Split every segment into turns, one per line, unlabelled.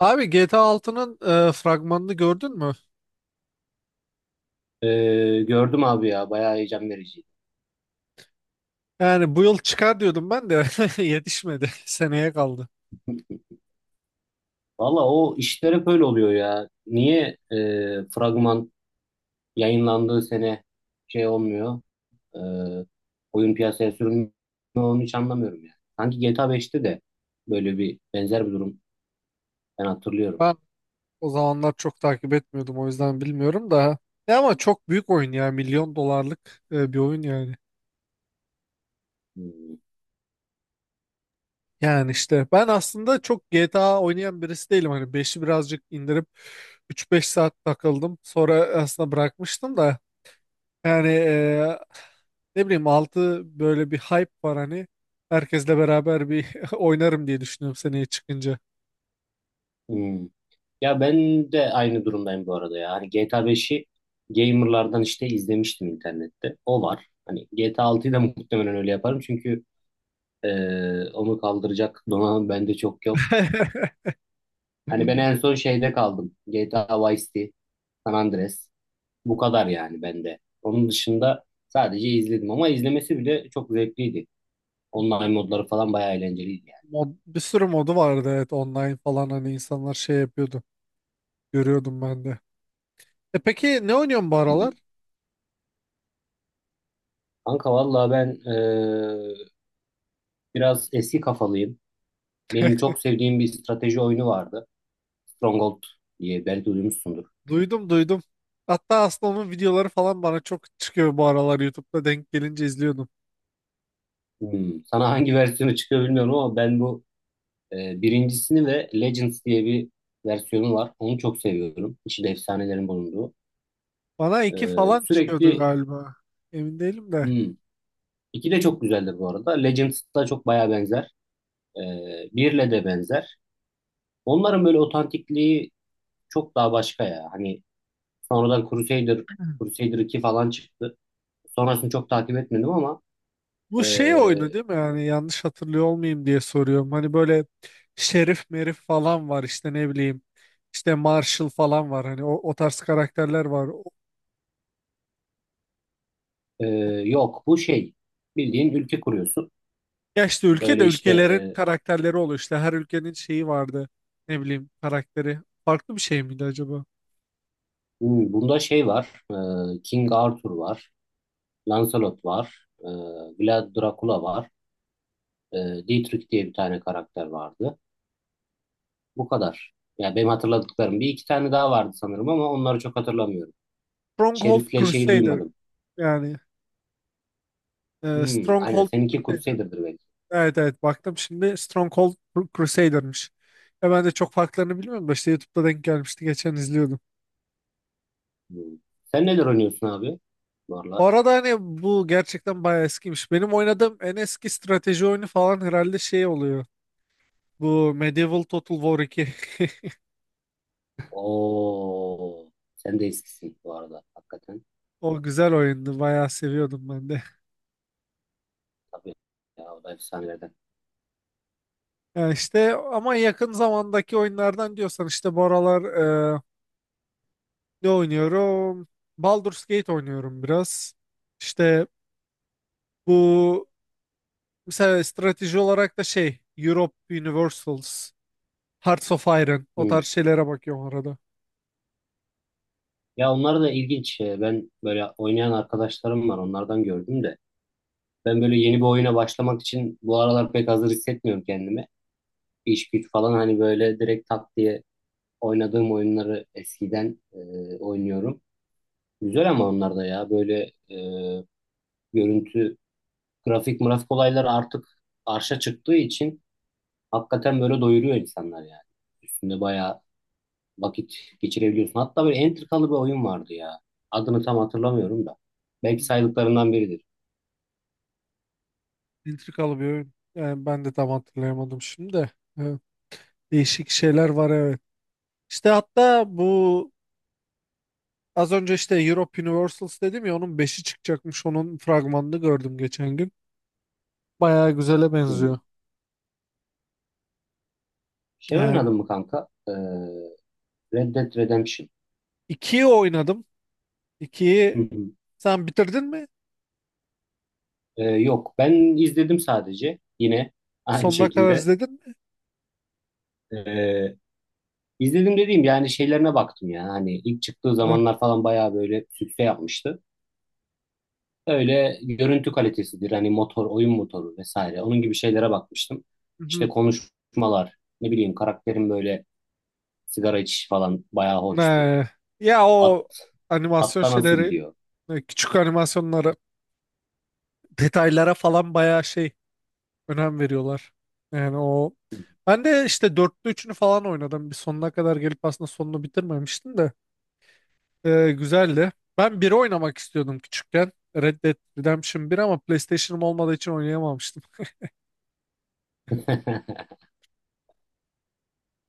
Abi GTA altının fragmanını gördün mü?
Gördüm abi ya bayağı heyecan vericiydi.
Yani bu yıl çıkar diyordum ben de yetişmedi. Seneye kaldı.
Valla o işler hep öyle oluyor ya. Niye fragman yayınlandığı sene şey olmuyor? e, Oyun piyasaya sürülmüyor, onu hiç anlamıyorum yani. Sanki GTA 5'te de böyle bir benzer durum ben hatırlıyorum.
Ben o zamanlar çok takip etmiyordum, o yüzden bilmiyorum da. Ya ama çok büyük oyun ya. Milyon dolarlık bir oyun yani.
Hmm.
Yani işte ben aslında çok GTA oynayan birisi değilim. Hani beşi birazcık indirip 3-5 saat takıldım. Sonra aslında bırakmıştım da. Yani ne bileyim altı böyle bir hype var hani. Herkesle beraber bir oynarım diye düşünüyorum seneye çıkınca.
Hmm. Ya ben de aynı durumdayım bu arada ya. Hani GTA 5'i gamerlardan işte izlemiştim internette. O var. Hani GTA 6'yı da muhtemelen öyle yaparım, çünkü onu kaldıracak donanım bende çok yok. Hani ben en son şeyde kaldım. GTA Vice City, San Andreas. Bu kadar yani bende. Onun dışında sadece izledim ama izlemesi bile çok zevkliydi. Online modları falan bayağı eğlenceliydi yani.
Mod, bir sürü modu vardı, evet, online falan, hani insanlar şey yapıyordu. Görüyordum ben de. E peki, ne oynuyorsun bu
Hı hı.
aralar?
Kanka valla ben biraz eski kafalıyım. Benim çok sevdiğim bir strateji oyunu vardı. Stronghold diye belki duymuşsundur.
Duydum, duydum. Hatta aslında onun videoları falan bana çok çıkıyor bu aralar, YouTube'da denk gelince izliyordum.
Hmm. Sana hangi versiyonu çıkıyor bilmiyorum ama ben bu birincisini ve Legends diye bir versiyonu var. Onu çok seviyorum. İçinde efsanelerin bulunduğu.
Bana iki
Ee,
falan çıkıyordu
sürekli
galiba. Emin değilim de.
hmm, iki de çok güzeldir bu arada. Legends da çok baya benzer. Birle de benzer. Onların böyle otantikliği çok daha başka ya. Hani sonradan Crusader 2 falan çıktı. Sonrasını çok takip etmedim ama
Bu şey oyunu
ee,
değil mi? Yani yanlış hatırlıyor olmayayım diye soruyorum. Hani böyle şerif merif falan var, işte, ne bileyim. İşte Marshall falan var. Hani o tarz karakterler var.
ee, yok, bu şey, bildiğin ülke kuruyorsun.
Ya işte ülke de
Böyle işte
ülkelerin karakterleri oluyor. İşte her ülkenin şeyi vardı. Ne bileyim, karakteri. Farklı bir şey miydi acaba?
bunda şey var. King Arthur var. Lancelot var. Vlad Dracula var. E, Dietrich diye bir tane karakter vardı. Bu kadar. Ya benim hatırladıklarım. Bir iki tane daha vardı sanırım ama onları çok hatırlamıyorum.
Stronghold
Şerif'le şeyi
Crusader.
duymadım.
Yani
Hmm, aynen.
Stronghold
Seninki
Crusader.
Crusader'dır belki.
Evet, evet, baktım şimdi, Stronghold Crusader'mış. Ya ben de çok farklarını bilmiyorum da, işte YouTube'da denk gelmişti. Geçen izliyordum.
Hmm. Sen neler oynuyorsun abi? Bu
Bu
aralar.
arada hani bu gerçekten bayağı eskiymiş. Benim oynadığım en eski strateji oyunu falan herhalde, şey oluyor. Bu Medieval Total War 2.
Oo. Sen de eskisin bu arada. Hakikaten.
O güzel oyundu. Bayağı seviyordum ben de.
Tabii. Ya o da efsanelerden.
Yani işte ama yakın zamandaki oyunlardan diyorsan işte bu aralar e, ne oynuyorum? Baldur's Gate oynuyorum biraz. İşte bu, mesela strateji olarak da şey, Europe Universals, Hearts of Iron, o
Hmm.
tarz şeylere bakıyorum arada.
Ya onlar da ilginç. Ben böyle oynayan arkadaşlarım var. Onlardan gördüm de. Ben böyle yeni bir oyuna başlamak için bu aralar pek hazır hissetmiyorum kendimi. İş güç falan, hani böyle direkt tak diye oynadığım oyunları eskiden oynuyorum. Güzel, ama onlar da ya böyle görüntü, grafik, mırafik olayları artık arşa çıktığı için hakikaten böyle doyuruyor insanlar yani. Üstünde bayağı vakit geçirebiliyorsun. Hatta böyle entrikalı bir oyun vardı ya. Adını tam hatırlamıyorum da. Belki
Hmm.
saydıklarından biridir.
Entrikalı bir oyun. Yani ben de tam hatırlayamadım şimdi de. Evet. Değişik şeyler var, evet. İşte hatta bu, az önce işte Europe Universals dedim ya, onun beşi çıkacakmış. Onun fragmanını gördüm geçen gün. Bayağı güzele
Hmm.
benziyor.
Şey
Yani
oynadın mı kanka? Red Dead Redemption.
2'yi oynadım.
Hı
2'yi
hı.
sen bitirdin mi?
Yok, ben izledim sadece, yine aynı
Sonuna kadar
şekilde.
izledin mi?
Ee, izledim dediğim yani, şeylerine baktım ya. Hani ilk çıktığı
Ne?
zamanlar falan bayağı böyle sükse yapmıştı. Öyle görüntü kalitesidir hani, motor, oyun motoru vesaire, onun gibi şeylere bakmıştım.
Hı.
İşte konuşmalar, ne bileyim karakterin böyle sigara içişi falan bayağı hoştu.
Ne? Ya
At,
o animasyon
atta nasıl
şeyleri,
gidiyor?
küçük animasyonları, detaylara falan bayağı şey, önem veriyorlar. Yani o, ben de işte dörtlü üçünü falan oynadım. Bir sonuna kadar gelip aslında sonunu bitirmemiştim de. Güzeldi. Ben biri oynamak istiyordum küçükken. Red Dead Redemption 1, ama PlayStation'ım olmadığı için oynayamamıştım.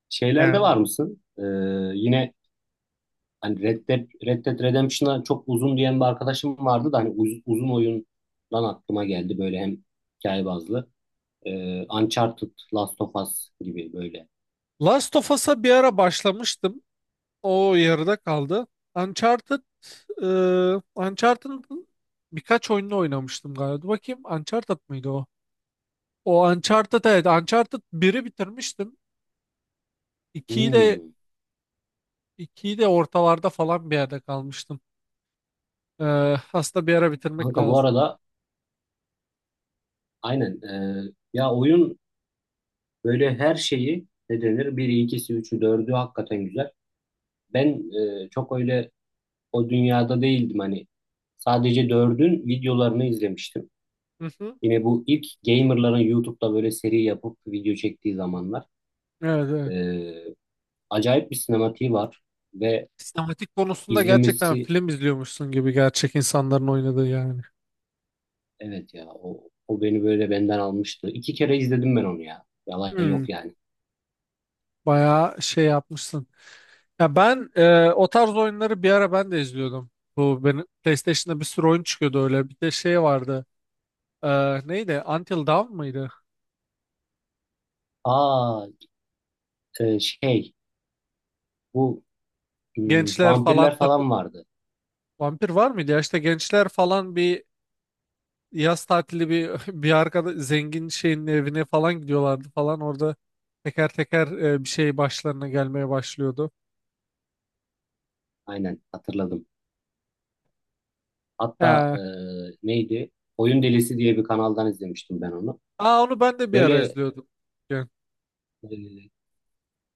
Şeylerde
Yani
var mısın? Yine hani Red Dead Redemption'a çok uzun diyen bir arkadaşım vardı da, hani uzun oyundan aklıma geldi böyle, hem hikaye bazlı. Uncharted, Last of Us gibi böyle.
Last of Us'a bir ara başlamıştım. O yarıda kaldı. Uncharted, e, Uncharted'ın birkaç oyununu oynamıştım galiba. Dur bakayım, Uncharted mıydı o? O Uncharted, evet, Uncharted biri bitirmiştim. 2'yi de
Hmm.
İkiyi de ortalarda falan bir yerde kalmıştım. Aslında bir ara bitirmek
Kanka bu
lazım.
arada aynen, ya oyun böyle her şeyi, ne denir, biri, ikisi, üçü, dördü hakikaten güzel. Ben çok öyle o dünyada değildim hani. Sadece dördün videolarını izlemiştim.
Hı hı.
Yine bu ilk gamerların YouTube'da böyle seri yapıp video çektiği zamanlar.
Evet, evet.
E, Acayip bir sinematiği var ve
Sinematik konusunda gerçekten
izlemesi,
film izliyormuşsun gibi, gerçek insanların oynadığı yani.
evet ya, o, o beni böyle benden almıştı. İki kere izledim ben onu ya. Yalan
Hmm,
yok yani.
bayağı şey yapmışsın. Ya ben, o tarz oyunları bir ara ben de izliyordum. Bu benim PlayStation'da bir sürü oyun çıkıyordu öyle. Bir de şey vardı. E, neydi? Until Dawn mıydı?
Aa, şey, bu,
Gençler falan
vampirler
takı-
falan vardı.
Vampir var mıydı? Ya işte gençler falan, bir yaz tatili, bir bir arkada zengin şeyin evine falan gidiyorlardı falan, orada teker teker bir şey başlarına gelmeye başlıyordu.
Aynen hatırladım. Hatta
He.
neydi? Oyun Delisi diye bir kanaldan izlemiştim ben onu.
Aa, onu ben de bir ara
Böyle
izliyordum. Yani.
e,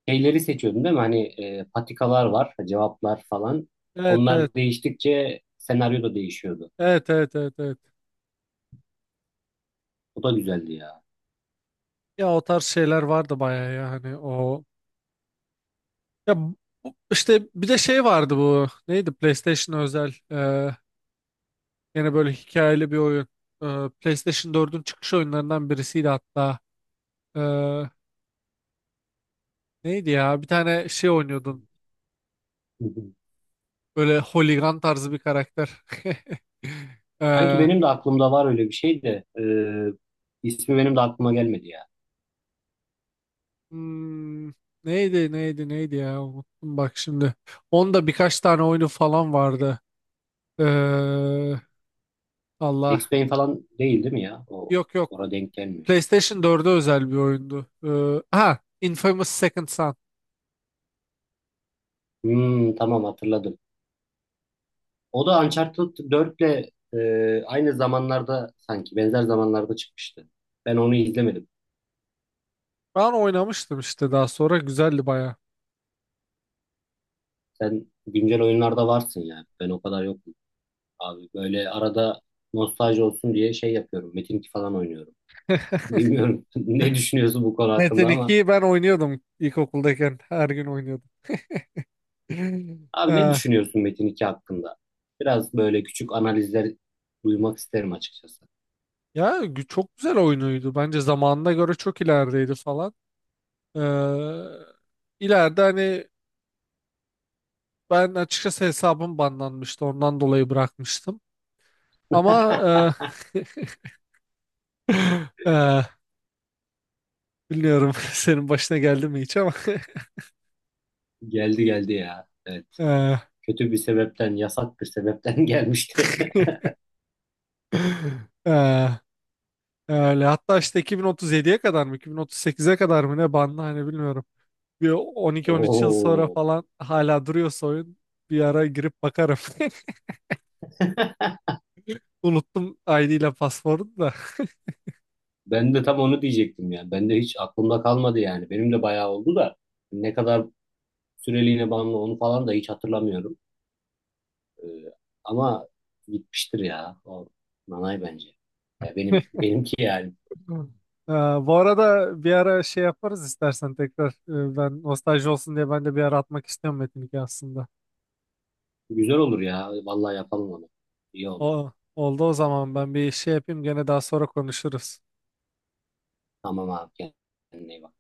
şeyleri seçiyordum değil mi? Hani patikalar var, cevaplar falan.
Evet, evet,
Onlar değiştikçe senaryo da değişiyordu.
evet, evet, evet, evet.
O da güzeldi ya.
Ya o tarz şeyler vardı bayağı ya, hani o ya işte bir de şey vardı, bu neydi, PlayStation özel yine böyle hikayeli bir oyun. PlayStation 4'ün çıkış oyunlarından birisiydi hatta. E, neydi ya, bir tane şey oynuyordun. Böyle holigan tarzı bir karakter.
Sanki
Ee,
benim de aklımda var öyle bir şey de, ismi benim de aklıma gelmedi ya.
hmm, neydi neydi neydi ya, unuttum bak şimdi. Onda birkaç tane oyunu falan vardı. Ee,
Max
Allah.
Payne falan değil mi ya? O
Yok, yok.
orada denk gelmiyor.
PlayStation 4'e özel bir oyundu. Ha, Infamous Second Son.
Hmm, tamam hatırladım. O da Uncharted 4'le e, aynı zamanlarda sanki benzer zamanlarda çıkmıştı. Ben onu izlemedim.
Ben oynamıştım işte daha sonra. Güzeldi baya.
Sen güncel oyunlarda varsın ya. Ben o kadar yokum. Abi böyle arada nostalji olsun diye şey yapıyorum. Metin 2 falan oynuyorum. Bilmiyorum ne düşünüyorsun bu konu
Metin
hakkında ama.
2'yi ben oynuyordum ilkokuldayken. Her gün oynuyordum.
Abi ne
Ee,
düşünüyorsun Metin 2 hakkında? Biraz böyle küçük analizler duymak isterim açıkçası.
ya çok güzel oyunuydu. Bence zamanına göre çok ilerideydi falan. Ee, ileride hani ben, açıkçası, hesabım banlanmıştı. Ondan dolayı bırakmıştım. Ama e, e, bilmiyorum senin başına geldi mi hiç, ama
Geldi geldi ya. Evet.
e,
Kötü bir sebepten, yasak bir sebepten gelmişti.
e, öyle. Hatta işte 2037'ye kadar mı 2038'e kadar mı ne banlı, hani bilmiyorum. Bir 12-13 yıl sonra
Oo.
falan hala duruyorsa oyun, bir ara girip bakarım. Unuttum ID ile pasportu da.
Ben de tam onu diyecektim ya. Ben de hiç aklımda kalmadı yani. Benim de bayağı oldu da ne kadar süreliğine bağımlı, onu falan da hiç hatırlamıyorum. Ee, ama gitmiştir ya. O nanay bence. Ya benim, benimki yani.
Hı. Ee, bu arada bir ara şey yaparız istersen tekrar. Ben nostalji olsun diye ben de bir ara atmak istiyorum Metin 2 aslında.
Güzel olur ya. Vallahi yapalım onu. İyi oldu.
O, oldu o zaman, ben bir şey yapayım, gene daha sonra konuşuruz.
Tamam abi. Kendine iyi bak.